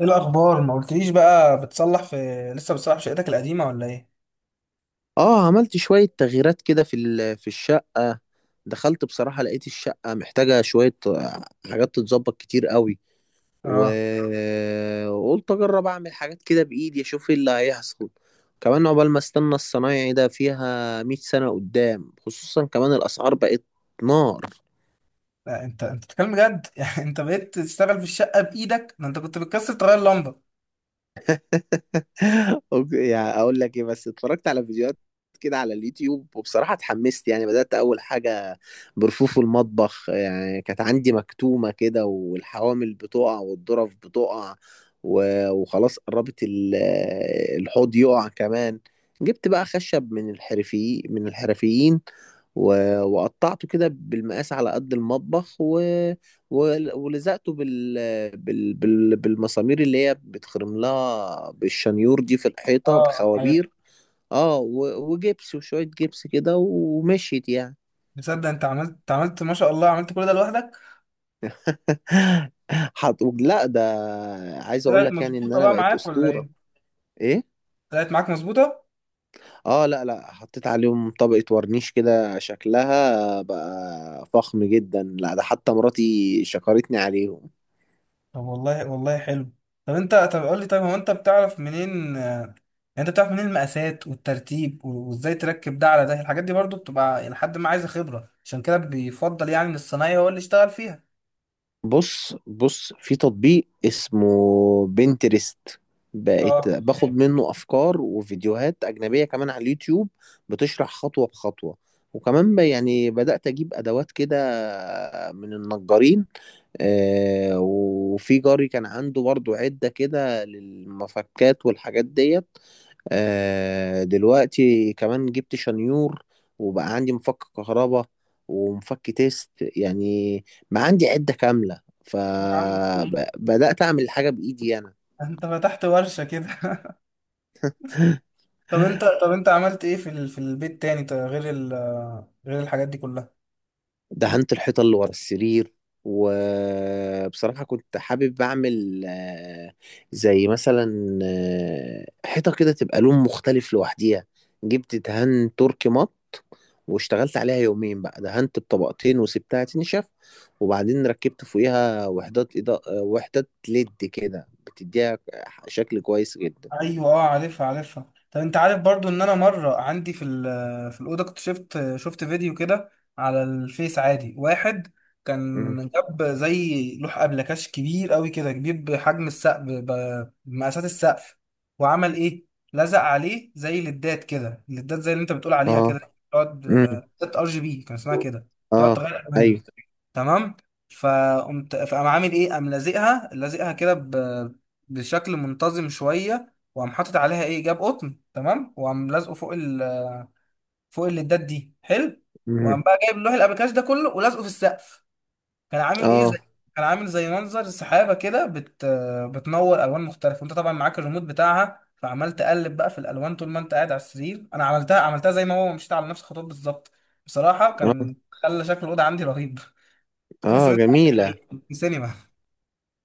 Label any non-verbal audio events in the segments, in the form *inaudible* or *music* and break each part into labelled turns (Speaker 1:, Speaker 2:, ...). Speaker 1: ايه الاخبار؟ ما قلتليش بقى، بتصلح في لسه بتصلح في شقتك القديمه ولا ايه؟
Speaker 2: اه عملت شوية تغييرات كده في الشقة. دخلت بصراحة لقيت الشقة محتاجة شوية حاجات تتظبط كتير قوي،
Speaker 1: اه،
Speaker 2: و- وقلت اجرب اعمل حاجات كده بايدي اشوف ايه اللي هيحصل كمان عقبال ما استنى الصنايعي ده فيها 100 سنة قدام، خصوصا كمان الاسعار بقت نار.
Speaker 1: لا انت بتتكلم بجد؟ *laughs* يعني انت بقيت تشتغل في الشقه بايدك؟ ده انت كنت بتكسر تغير لمبه.
Speaker 2: *laughs* اوكي، يعني اقول لك ايه، بس اتفرجت على فيديوهات كده على اليوتيوب وبصراحة اتحمست، يعني بدأت اول حاجة برفوف المطبخ، يعني كانت عندي مكتومة كده والحوامل بتقع والظرف بتقع، و- وخلاص قربت الحوض يقع كمان. جبت بقى خشب من الحرفيين، و- وقطعته كده بالمقاس على قد المطبخ، و... و- ولزقته بالمسامير اللي هي بتخرم لها بالشنيور دي في الحيطة
Speaker 1: اه عارف.
Speaker 2: بخوابير، اه، و... وجبس وشوية جبس كده ومشيت يعني.
Speaker 1: تصدق انت عملت ما شاء الله، عملت كل ده لوحدك؟
Speaker 2: *laughs* لا، ده عايز اقول
Speaker 1: طلعت
Speaker 2: لك يعني ان
Speaker 1: مظبوطه
Speaker 2: انا
Speaker 1: بقى
Speaker 2: بقيت
Speaker 1: معاك ولا
Speaker 2: اسطورة.
Speaker 1: ايه؟
Speaker 2: ايه.
Speaker 1: طلعت معاك مظبوطه.
Speaker 2: اه، لا لا، حطيت عليهم طبقة ورنيش كده، شكلها بقى فخم جدا، لا ده حتى مراتي شكرتني عليهم.
Speaker 1: طب والله، والله حلو. طب انت، طب قول لي، طيب هو انت بتعرف منين؟ يعني انت بتعرف منين المقاسات والترتيب وازاي تركب ده على ده؟ الحاجات دي برضو بتبقى لحد ما عايزه خبره، عشان كده بيفضل يعني ان الصنايعي هو اللي يشتغل فيها.
Speaker 2: بص بص، في تطبيق اسمه بنترست، بقيت
Speaker 1: اه.
Speaker 2: باخد تمام، منه افكار وفيديوهات اجنبيه كمان على اليوتيوب بتشرح خطوه بخطوه. وكمان يعني بدات اجيب ادوات كده من النجارين، وفي جاري كان عنده برضو عده كده للمفكات والحاجات ديت. دلوقتي كمان جبت شنيور، وبقى عندي مفك كهرباء ومفك تيست، يعني ما عندي عدة كاملة،
Speaker 1: يا عم إيه؟
Speaker 2: فبدأت أعمل الحاجة بإيدي أنا.
Speaker 1: انت فتحت ورشة كده؟ *laughs*
Speaker 2: *laughs*
Speaker 1: طب انت، طب انت عملت ايه في في البيت تاني، غير غير الحاجات دي كلها؟
Speaker 2: دهنت الحيطة اللي ورا السرير، وبصراحة كنت حابب أعمل آه، زي مثلا حيطة كده تبقى لون مختلف لوحديها. جبت دهان تركي مط، واشتغلت عليها يومين بقى، دهنت بطبقتين وسبتها تنشف، وبعدين ركبت فوقيها وحدات إضاءة آه، وحدات ليد كده، بتديها شكل كويس جدا.
Speaker 1: ايوه اه، عارفها عارفها. طب انت عارف؟ برضو ان انا مره عندي في في الاوضه، كنت شفت فيديو كده على الفيس عادي، واحد
Speaker 2: مم.
Speaker 1: كان جاب زي لوح ابلكاش كبير قوي كده، كبير بحجم السقف، بمقاسات السقف. وعمل ايه؟ لزق عليه زي ليدات كده، ليدات زي اللي انت بتقول عليها
Speaker 2: اه.
Speaker 1: كده. تقعد
Speaker 2: مم.
Speaker 1: ليدات ار جي بي كان اسمها كده. تقعد
Speaker 2: اه.
Speaker 1: تغير الوان.
Speaker 2: ايوه.
Speaker 1: تمام. فقام عامل ايه؟ قام لازقها كده بشكل منتظم شويه، وقام حاطط عليها ايه؟ جاب قطن، تمام، وقام لازقه فوق فوق الليدات دي، حلو.
Speaker 2: مم.
Speaker 1: وقام بقى جايب لوح الابيكاش ده كله ولازقه في السقف. كان عامل ايه؟
Speaker 2: اه.
Speaker 1: زي، كان عامل زي منظر سحابه كده بتنور الوان مختلفه، وانت طبعا معاك الريموت بتاعها، فعمال تقلب بقى في الالوان طول ما انت قاعد على السرير. انا عملتها زي ما هو، مشيت على نفس الخطوات بالظبط. بصراحه
Speaker 2: اه.
Speaker 1: كان خلى شكل الاوضه عندي رهيب. تحس ان
Speaker 2: اه،
Speaker 1: انت قاعد
Speaker 2: جميلة.
Speaker 1: في السينما.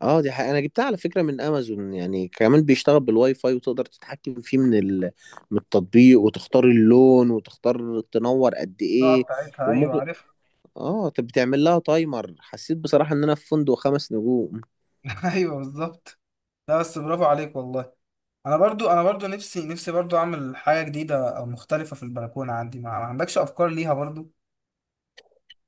Speaker 2: اه، دي حقيقة انا جبتها على فكرة من امازون، يعني كمان بيشتغل بالواي فاي، وتقدر تتحكم فيه من التطبيق، وتختار اللون وتختار تنور قد
Speaker 1: القاعة
Speaker 2: ايه.
Speaker 1: بتاعتها، ايوه
Speaker 2: وممكن،
Speaker 1: عارفها.
Speaker 2: اه طب بتعمل لها تايمر. حسيت بصراحة ان انا في فندق 5 نجوم.
Speaker 1: *laughs* ايوه بالظبط. لا بس برافو عليك والله. انا برضو، انا برضو نفسي، نفسي برضو اعمل حاجه جديده او مختلفه في البلكونه عندي. ما عندكش افكار ليها برضو؟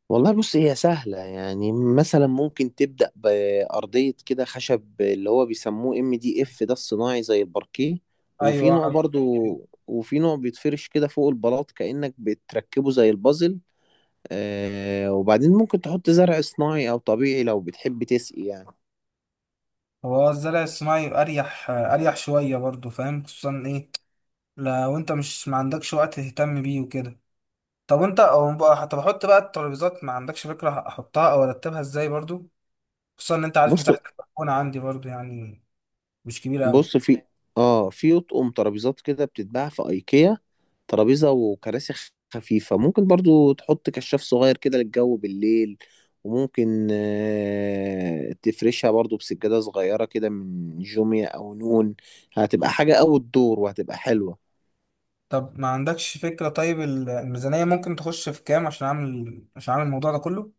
Speaker 2: والله بص، هي سهلة، يعني مثلا ممكن تبدأ بأرضية كده خشب، اللي هو بيسموه ام دي اف ده، الصناعي زي الباركيه. وفي
Speaker 1: ايوه
Speaker 2: نوع
Speaker 1: على-.
Speaker 2: برضو، وفي نوع بيتفرش كده فوق البلاط كأنك بتركبه زي البازل، وبعدين ممكن تحط زرع صناعي او طبيعي لو بتحب تسقي يعني.
Speaker 1: هو الزرع الصناعي اريح، اريح شويه برضو، فاهم؟ خصوصا ايه لو انت مش، ما عندكش وقت تهتم بيه وكده. طب انت او بقى، طب احط بقى الترابيزات، ما عندكش فكره احطها او ارتبها ازاي برضو؟ خصوصا ان انت عارف
Speaker 2: بص
Speaker 1: مساحه البلكونه عندي برضو، يعني مش كبيره قوي.
Speaker 2: بص، في اطقم ترابيزات كده بتتباع في ايكيا، ترابيزه وكراسي خفيفه، ممكن برضو تحط كشاف صغير كده للجو بالليل، وممكن تفرشها برضو بسجاده صغيره كده من جوميا او نون، هتبقى حاجه اوت دور وهتبقى حلوه.
Speaker 1: طب ما عندكش فكرة، طيب الميزانية ممكن تخش في كام عشان عشان اعمل الموضوع ده كله؟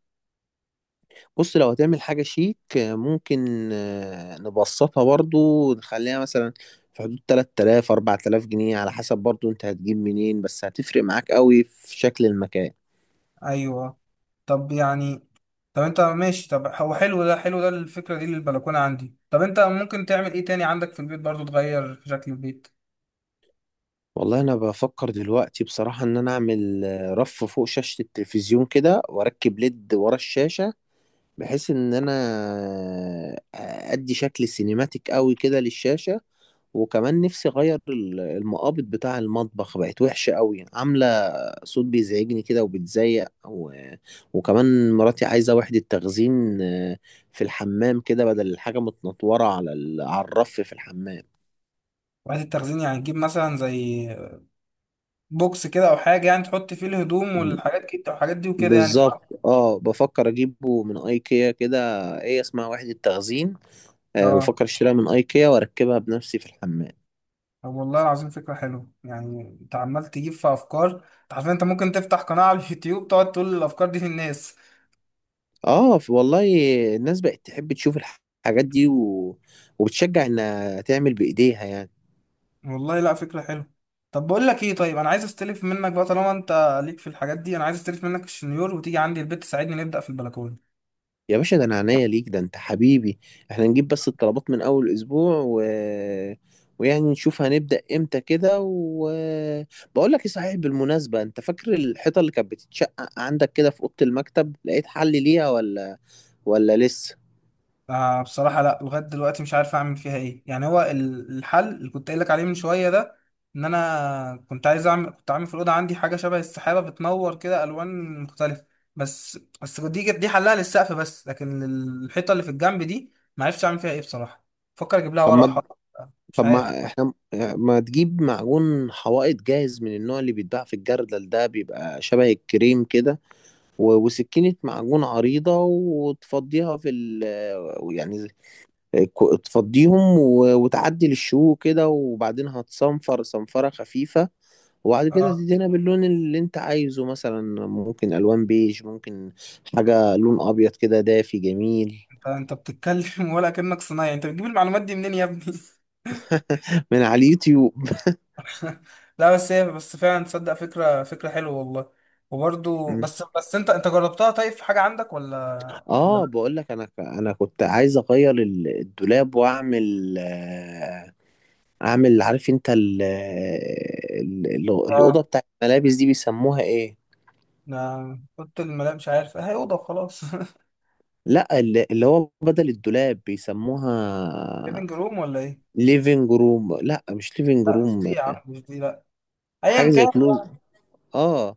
Speaker 2: بص، لو هتعمل حاجة شيك، ممكن، نبسطها برضو، نخليها مثلا في حدود 3,000 4,000 جنيه، على حسب برضو انت هتجيب منين، بس هتفرق معاك قوي في شكل المكان.
Speaker 1: ايوه. طب يعني طب انت ماشي، طب هو حلو ده، حلو ده الفكرة دي للبلكونة عندي. طب انت ممكن تعمل ايه تاني عندك في البيت برضو، تغير في شكل البيت؟
Speaker 2: والله انا بفكر دلوقتي بصراحة ان انا اعمل، رف فوق شاشة التلفزيون كده واركب ليد ورا الشاشة، بحيث ان انا ادي شكل سينماتيك قوي كده للشاشة. وكمان نفسي اغير المقابض بتاع المطبخ، بقت وحشه قوي، عامله صوت بيزعجني كده وبتزيق. وكمان مراتي عايزه وحده تخزين، في الحمام كده، بدل الحاجه متنطوره على الرف في الحمام.
Speaker 1: وحدة التخزين يعني تجيب مثلا زي بوكس كده او حاجة، يعني تحط فيه الهدوم
Speaker 2: م.
Speaker 1: والحاجات كده والحاجات دي وكده يعني،
Speaker 2: بالظبط.
Speaker 1: صح؟
Speaker 2: اه، بفكر اجيبه من ايكيا كده. ايه اسمها، وحده تخزين،
Speaker 1: اه.
Speaker 2: بفكر اشتريها من ايكيا واركبها بنفسي في الحمام.
Speaker 1: طب والله العظيم فكرة حلوة، يعني انت عمال تجيب في افكار. انت عارف انت ممكن تفتح قناة على اليوتيوب تقعد تقول الافكار دي للناس.
Speaker 2: اه، والله الناس بقت تحب تشوف الحاجات دي، و... وبتشجع انها تعمل بايديها يعني.
Speaker 1: والله لا فكرة حلوة. طب بقول لك ايه، طيب انا عايز استلف منك بقى طالما انت ليك في الحاجات دي، انا عايز استلف منك الشنيور وتيجي عندي البيت تساعدني نبدأ في البلكونة.
Speaker 2: يا باشا، ده انا عينيا ليك، ده انت حبيبي، احنا نجيب بس الطلبات من اول اسبوع، و... ويعني نشوف هنبدأ امتى كده. بقول لك ايه، صحيح بالمناسبة، انت فاكر الحيطة اللي كانت بتتشقق عندك كده في أوضة المكتب؟ لقيت حل ليها ولا لسه؟
Speaker 1: آه بصراحة لا، لغاية دلوقتي مش عارف اعمل فيها ايه، يعني هو الحل اللي كنت قايل لك عليه من شوية ده، ان انا كنت عايز اعمل كنت عامل في الأوضة عندي حاجة شبه السحابة بتنور كده الوان مختلفة. بس دي حلها للسقف بس، لكن الحيطة اللي في الجنب دي ما عرفتش اعمل فيها ايه بصراحة. فكر اجيب لها
Speaker 2: طب
Speaker 1: ورق
Speaker 2: ما
Speaker 1: حائط، مش
Speaker 2: طب
Speaker 1: عارف.
Speaker 2: ما ما تجيب معجون حوائط جاهز من النوع اللي بيتباع في الجردل ده، بيبقى شبه الكريم كده، و- وسكينة معجون عريضة، وتفضيها في ال يعني، تفضيهم، و- وتعدل الشو كده، وبعدين هتصنفر صنفرة خفيفة، وبعد كده
Speaker 1: آه.
Speaker 2: تدهنها باللون اللي انت عايزه، مثلا ممكن الوان بيج، ممكن حاجة لون ابيض كده دافي جميل.
Speaker 1: فانت بتتكلم *laughs* ولا كأنك صنايعي، انت بتجيب المعلومات دي منين يا ابني؟
Speaker 2: من على اليوتيوب.
Speaker 1: *laughs* لا بس هي، بس فعلا تصدق فكرة، فكرة حلوة والله.
Speaker 2: *laughs*
Speaker 1: وبرضو
Speaker 2: م.
Speaker 1: بس انت جربتها؟ طيب في حاجة عندك ولا؟ ولا
Speaker 2: اه،
Speaker 1: لا.
Speaker 2: بقول لك، انا كنت عايز اغير الدولاب واعمل آه، اعمل، عارف انت الاوضه
Speaker 1: اه.
Speaker 2: بتاعت الملابس دي بيسموها ايه؟
Speaker 1: انا قلت الملاك، مش عارف، هي اوضة وخلاص. *laughs*
Speaker 2: لا، اللي هو بدل الدولاب بيسموها
Speaker 1: ليفنج روم ولا ايه؟
Speaker 2: ليفينج روم. لا، مش ليفينج
Speaker 1: لا مش دي
Speaker 2: روم.
Speaker 1: يا عم، مش دي، لا.
Speaker 2: حاجه
Speaker 1: ايا
Speaker 2: زي
Speaker 1: كان.
Speaker 2: كلوز. اه,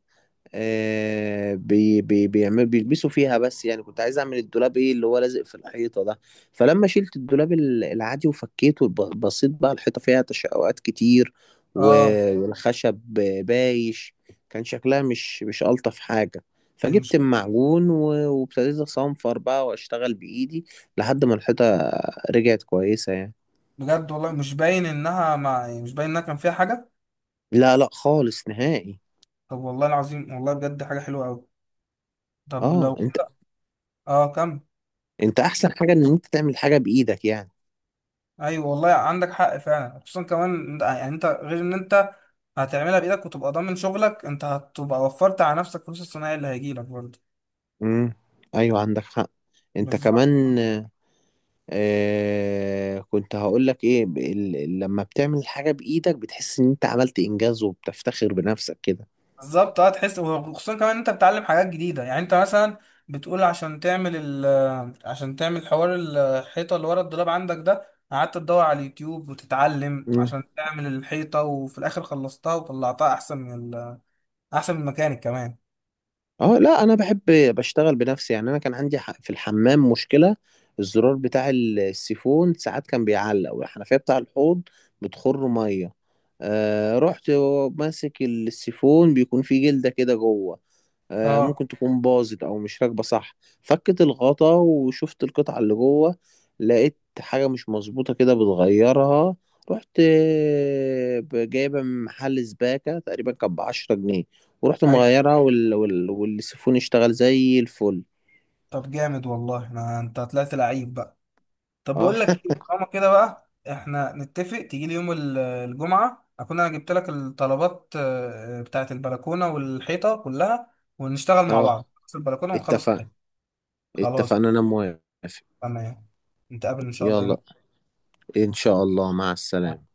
Speaker 2: آه بي بي بيعمل بيلبسوا فيها، بس يعني كنت عايز اعمل الدولاب، ايه اللي هو لازق في الحيطه ده. فلما شلت الدولاب العادي وفكيته، بصيت بقى الحيطه فيها تشققات كتير،
Speaker 1: اه.
Speaker 2: و- والخشب بايش، كان شكلها مش الطف حاجه،
Speaker 1: دي مش،
Speaker 2: فجبت المعجون، و- وابتديت اصنفر بقى واشتغل بايدي لحد ما الحيطه رجعت كويسه يعني.
Speaker 1: بجد والله مش باين انها، مع يعني مش باين انها كان فيها حاجة.
Speaker 2: لا لا، خالص نهائي.
Speaker 1: طب والله العظيم، والله بجد حاجة حلوة قوي. طب
Speaker 2: اه.
Speaker 1: لو.
Speaker 2: انت
Speaker 1: اه كمل.
Speaker 2: انت احسن حاجة ان انت تعمل حاجة بايدك يعني.
Speaker 1: ايوه والله عندك حق فعلا، خصوصا كمان إن-، يعني انت غير ان انت هتعملها بايدك وتبقى ضامن شغلك، انت هتبقى وفرت على نفسك فلوس الصناعي اللي هيجيلك برضه.
Speaker 2: امم، ايوه عندك حق. انت
Speaker 1: بالظبط.
Speaker 2: كمان، كنت هقولك ايه، لما بتعمل حاجة بايدك بتحس ان انت عملت انجاز وبتفتخر بنفسك كده.
Speaker 1: بالظبط اه، تحس. وخصوصا كمان إن انت بتتعلم حاجات جديده، يعني انت مثلا بتقول عشان تعمل عشان تعمل حوار الحيطه اللي ورا الدولاب عندك ده، قعدت تدور على اليوتيوب وتتعلم
Speaker 2: امم.
Speaker 1: عشان تعمل الحيطه، وفي الاخر خلصتها وطلعتها احسن من احسن من الميكانيك كمان.
Speaker 2: اه، لا، انا بحب بشتغل بنفسي يعني. انا كان عندي في الحمام مشكلة، الزرار بتاع السيفون ساعات كان بيعلق، والحنفية بتاع الحوض بتخر مية. رحت ماسك السيفون، بيكون فيه جلدة كده جوه،
Speaker 1: اه.
Speaker 2: ممكن تكون باظت او مش راكبه صح. فكت الغطا وشفت القطعه اللي جوه، لقيت حاجه مش مظبوطه كده بتغيرها، رحت جايبها من محل سباكه، تقريبا كانت بـ10 جنيه، ورحت
Speaker 1: ايوه.
Speaker 2: مغيرها، وال... وال... والسيفون اشتغل زي الفل.
Speaker 1: طب جامد والله. أنا-، انت طلعت لعيب بقى. طب
Speaker 2: اه.
Speaker 1: بقول لك
Speaker 2: *laughs*
Speaker 1: ايه، طالما كده بقى احنا نتفق، تيجي لي يوم الجمعة، اكون انا جبت لك الطلبات بتاعة البلكونة والحيطة كلها، ونشتغل مع
Speaker 2: اه،
Speaker 1: بعض نخلص البلكونة ونخلص
Speaker 2: اتفقنا.
Speaker 1: الحيطة. خلاص.
Speaker 2: اتفقنا، انا موافق.
Speaker 1: تمام. نتقابل ان شاء الله يوم
Speaker 2: يلا، ان
Speaker 1: الخميس.
Speaker 2: شاء الله، مع السلامه.